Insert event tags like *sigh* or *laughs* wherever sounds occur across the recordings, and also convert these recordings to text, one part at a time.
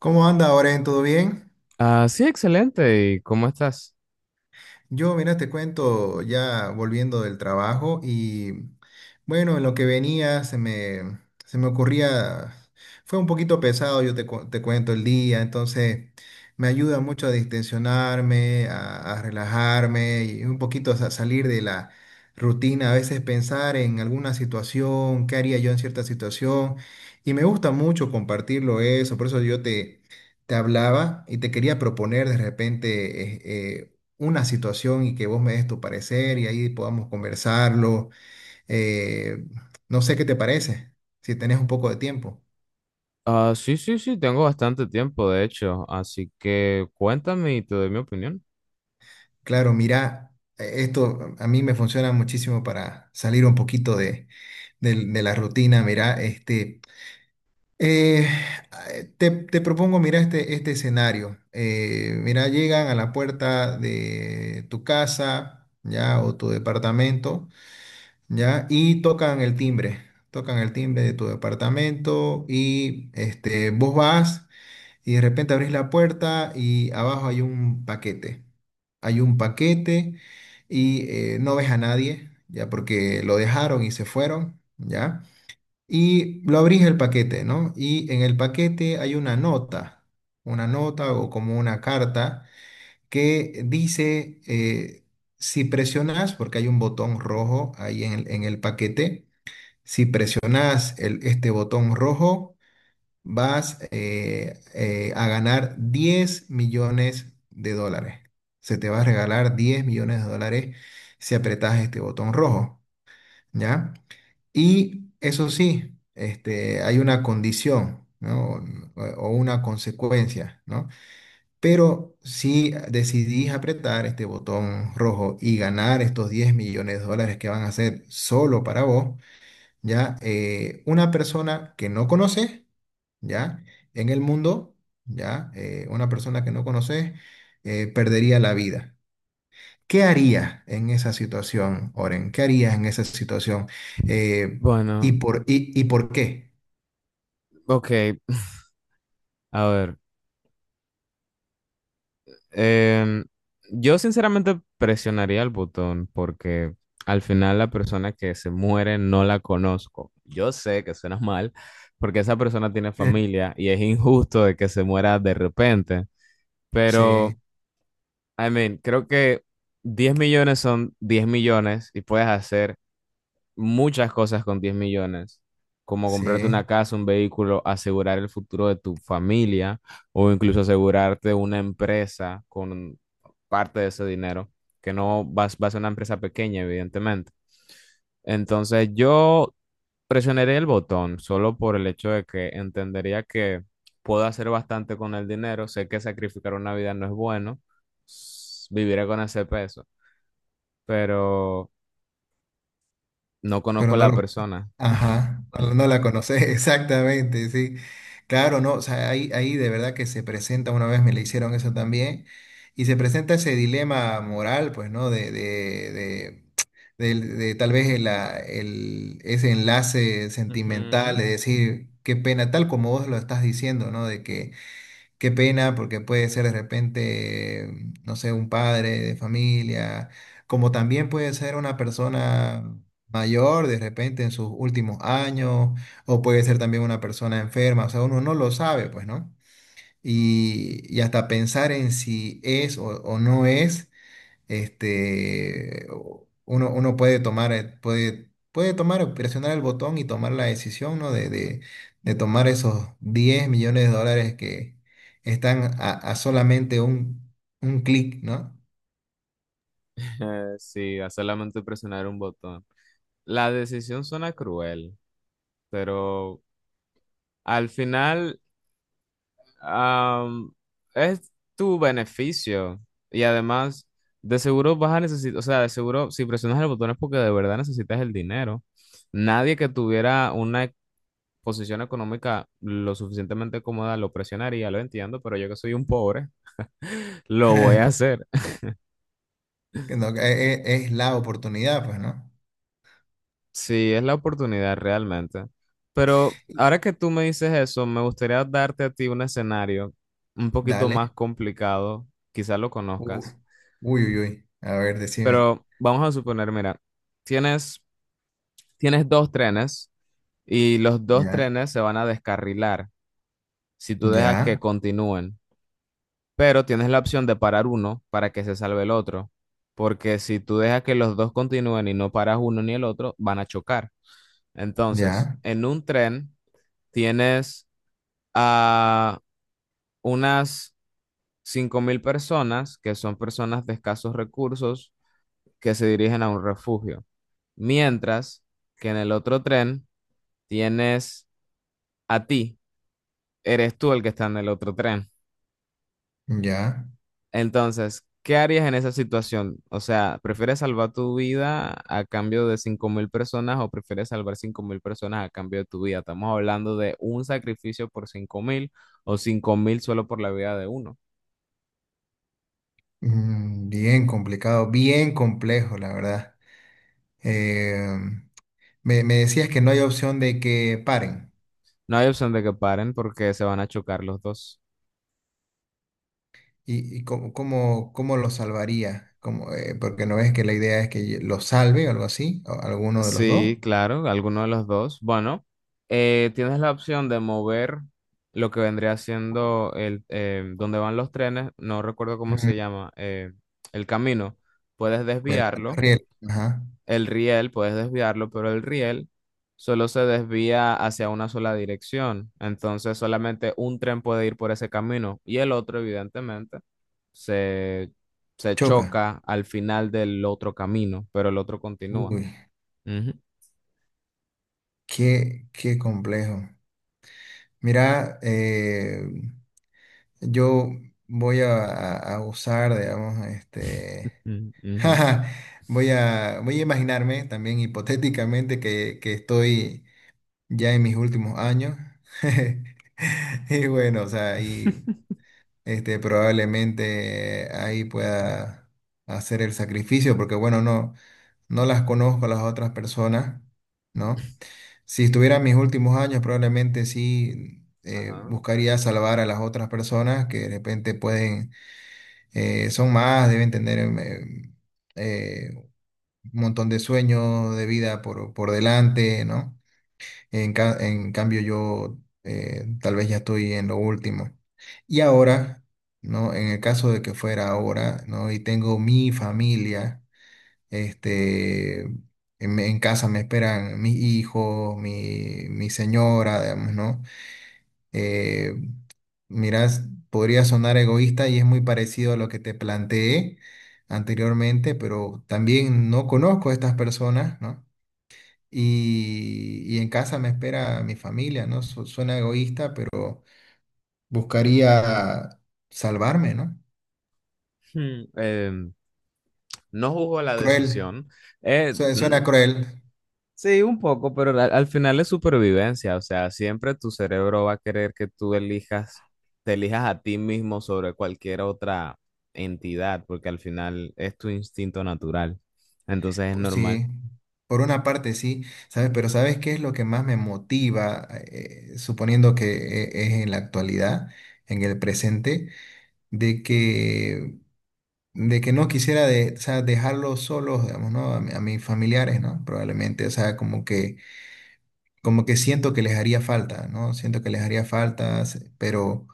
¿Cómo anda, Oren? ¿Todo bien? Ah, sí, excelente. ¿Y cómo estás? Yo, mira, te cuento ya volviendo del trabajo y bueno, en lo que venía se me ocurría, fue un poquito pesado, te cuento el día, entonces me ayuda mucho a distensionarme, a relajarme y un poquito a salir de la rutina, a veces pensar en alguna situación, qué haría yo en cierta situación y me gusta mucho compartirlo eso, por eso yo te... Te hablaba y te quería proponer de repente eh, una situación y que vos me des tu parecer y ahí podamos conversarlo. eh, no sé qué te parece, si tenés un poco de tiempo. Ah, sí, sí, sí, tengo bastante tiempo, de hecho, así que cuéntame y te doy mi opinión. Claro, mira, esto a mí me funciona muchísimo para salir un poquito de la rutina. Mira, eh, te propongo, mira, este escenario. Mira, llegan a la puerta de tu casa, ya, o tu departamento. ¿Ya? Y tocan el timbre de tu departamento y este, vos vas y de repente abrís la puerta y abajo hay un paquete y no ves a nadie, ¿ya? Porque lo dejaron y se fueron, ¿ya? Y lo abrís el paquete, ¿no? Y en el paquete hay una nota o como una carta que dice si presionas, porque hay un botón rojo ahí en en el paquete, si presionas este botón rojo, vas a ganar $10,000,000. Se te va a regalar $10,000,000 si apretas este botón rojo, ¿ya? Y eso sí, este, hay una condición, ¿no? O una consecuencia, ¿no? Pero si decidís apretar este botón rojo y ganar estos $10,000,000 que van a ser solo para vos, ya una persona que no conoces, ya en el mundo, ya una persona que no conoces perdería la vida. ¿Qué harías en esa situación, Oren? ¿Qué harías en esa situación? Eh, ¿Y Bueno, por qué? ok, *laughs* a ver, em, yo sinceramente presionaría el botón porque al final la persona que se muere no la conozco. Yo sé que suena mal porque esa persona tiene Eh, familia y es injusto de que se muera de repente, Sí, pero, I mean, creo que 10 millones son 10 millones y puedes hacer muchas cosas con 10 millones, como comprarte sí, una casa, un vehículo, asegurar el futuro de tu familia o incluso asegurarte una empresa con parte de ese dinero, que no vas a ser una empresa pequeña, evidentemente. Entonces yo presionaré el botón solo por el hecho de que entendería que puedo hacer bastante con el dinero, sé que sacrificar una vida no es bueno, viviré con ese peso, pero... No conozco pero a no la lo... persona. Ajá, *laughs* no, no la conoces, *laughs* exactamente, sí. Claro, no, o sea, ahí, ahí de verdad que se presenta, una vez me le hicieron eso también, y se presenta ese dilema moral, pues, ¿no? De tal vez ese enlace sentimental, Ujú. de *laughs* decir, qué pena, tal como vos lo estás diciendo, ¿no? De que... Qué pena, porque puede ser de repente, no sé, un padre de familia, como también puede ser una persona mayor de repente en sus últimos años, o puede ser también una persona enferma, o sea, uno no lo sabe, pues, ¿no? Y hasta pensar en si es o no es, este, uno puede tomar, puede tomar, presionar el botón y tomar la decisión, ¿no? De tomar esos $10,000,000 que están a solamente un clic, ¿no? Sí, a solamente presionar un botón. La decisión suena cruel, pero al final am, es tu beneficio. Y además, de seguro vas a necesitar, o sea, de seguro si presionas el botón es porque de verdad necesitas el dinero. Nadie que tuviera una posición económica lo suficientemente cómoda lo presionaría, lo entiendo, pero yo que soy un pobre, *laughs* lo voy a *laughs* hacer. Que no, es la oportunidad, pues, ¿no? Sí, es la oportunidad realmente. Pero ahora que tú me dices eso, me gustaría darte a ti un escenario un poquito más Dale. complicado, quizás lo Uf. conozcas, Uy, uy, uy. A ver, decime. pero vamos a suponer, mira, tienes, tienes dos trenes y los dos Ya, trenes se van a descarrilar si tú dejas que ya, continúen, pero tienes la opción de parar uno para que se salve el otro, porque si tú dejas que los dos continúen y no paras uno ni el otro, van a chocar. Entonces, ya, en un tren... Tienes a unas 5000 personas, que son personas de escasos recursos, que se dirigen a un refugio. Mientras que en el otro tren tienes a ti, eres tú el que está en el otro tren. ya. Entonces, ¿qué harías en esa situación? O sea, ¿prefieres salvar tu vida a cambio de 5000 personas o prefieres salvar 5000 personas a cambio de tu vida? Estamos hablando de un sacrificio por 5000 o 5000 solo por la vida de uno. Mm, bien complicado, bien complejo, la verdad. Em, me decías que no hay opción de que paren. No hay opción de que paren porque se van a chocar los dos. ¿Y, cómo lo salvaría? ¿Cómo, porque no ves que la idea es que lo salve o algo así, o alguno de los dos. Sí, claro, alguno de los dos. Bueno, tienes la opción de mover lo que vendría siendo el donde van los trenes, no recuerdo cómo Ujú. se llama, el camino. Puedes El desviarlo, riel, ajá. el riel, puedes desviarlo, pero el riel solo se desvía hacia una sola dirección. Entonces solamente un tren puede ir por ese camino y el otro, evidentemente se, se Choca. choca al final del otro camino, pero el otro continúa. Uy, Ujú, qué, qué complejo. Mira, yo voy a usar, digamos, este. ujú, *laughs* ujú. Jaja, voy voy a imaginarme también hipotéticamente que estoy ya en mis últimos años. *laughs* Y bueno, o sea, y *laughs* este, probablemente ahí pueda hacer el sacrificio, porque bueno, no, no las conozco a las otras personas, ¿no? Si estuviera en mis últimos años, probablemente sí Ajá. buscaría salvar a las otras personas que de repente pueden, son más, deben tener eh, un montón de sueños de vida por delante, ¿no? En cambio, yo tal vez ya estoy en lo último. Y ahora, ¿no? En el caso de que fuera ahora, ¿no? Y tengo mi familia, este, en casa me esperan mis hijos, mi señora, digamos, ¿no? Eh, mirás, podría sonar egoísta y es muy parecido a lo que te planteé anteriormente, pero también no conozco a estas personas, ¿no? Y en casa me espera mi familia, ¿no? Suena egoísta, pero buscaría salvarme, ¿no? Hmm, no juzgo la Cruel, decisión. Mm, suena cruel, sí, un poco, pero al final es supervivencia. O sea, siempre tu cerebro va a querer que tú te elijas a ti mismo sobre cualquier otra entidad, porque al final es tu instinto natural. Entonces es pues normal. sí, por una parte sí, ¿sabes? Pero ¿sabes qué es lo que más me motiva, suponiendo que es en la actualidad, en el presente, de que... de que no quisiera o sea, dejarlos solos, digamos, ¿no? A, a mis familiares, ¿no? Probablemente, o sea, como que siento que les haría falta, ¿no? Siento que les haría falta, pero,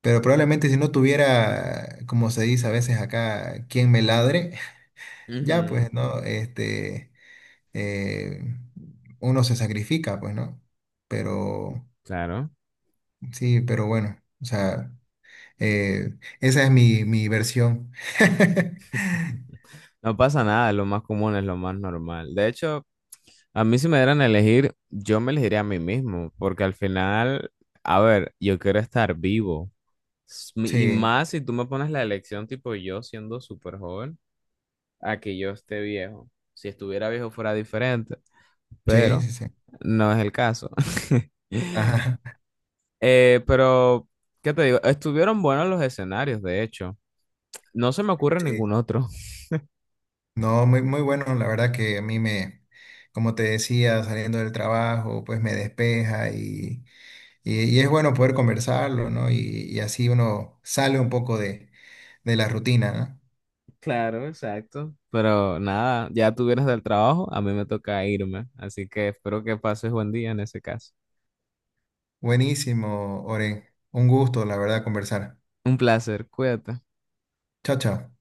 probablemente si no tuviera, como se dice a veces acá, quien me ladre, *laughs* ya Ujú, pues, ¿no? Este, eh, uno se sacrifica, pues, ¿no? Pero, claro. sí, pero bueno, o sea, eh, esa es mi versión. *laughs* No pasa nada, lo más común es lo más normal. De hecho, a mí si me dieran a elegir, yo me elegiría a mí mismo, porque al final, a ver, yo quiero estar vivo. Y Sí, más si tú me pones la elección tipo yo siendo súper joven, a que yo esté viejo. Si estuviera viejo fuera diferente, sí, pero sí, sí. no es el caso. *laughs* Ajá, pero, ¿qué te digo? Estuvieron buenos los escenarios, de hecho. No se me *laughs* ocurre ningún sí. otro. No, muy, muy bueno, la verdad que a mí me, como te decía, saliendo del trabajo, pues me despeja y es bueno poder conversarlo, ¿no? Y así uno sale un poco de la rutina, ¿no? Claro, exacto. Pero nada, ya tú vienes del trabajo, a mí me toca irme, así que espero que pases buen día en ese caso. Buenísimo, Oren. Un gusto, la verdad, conversar. Un placer, cuídate. Chao, chao.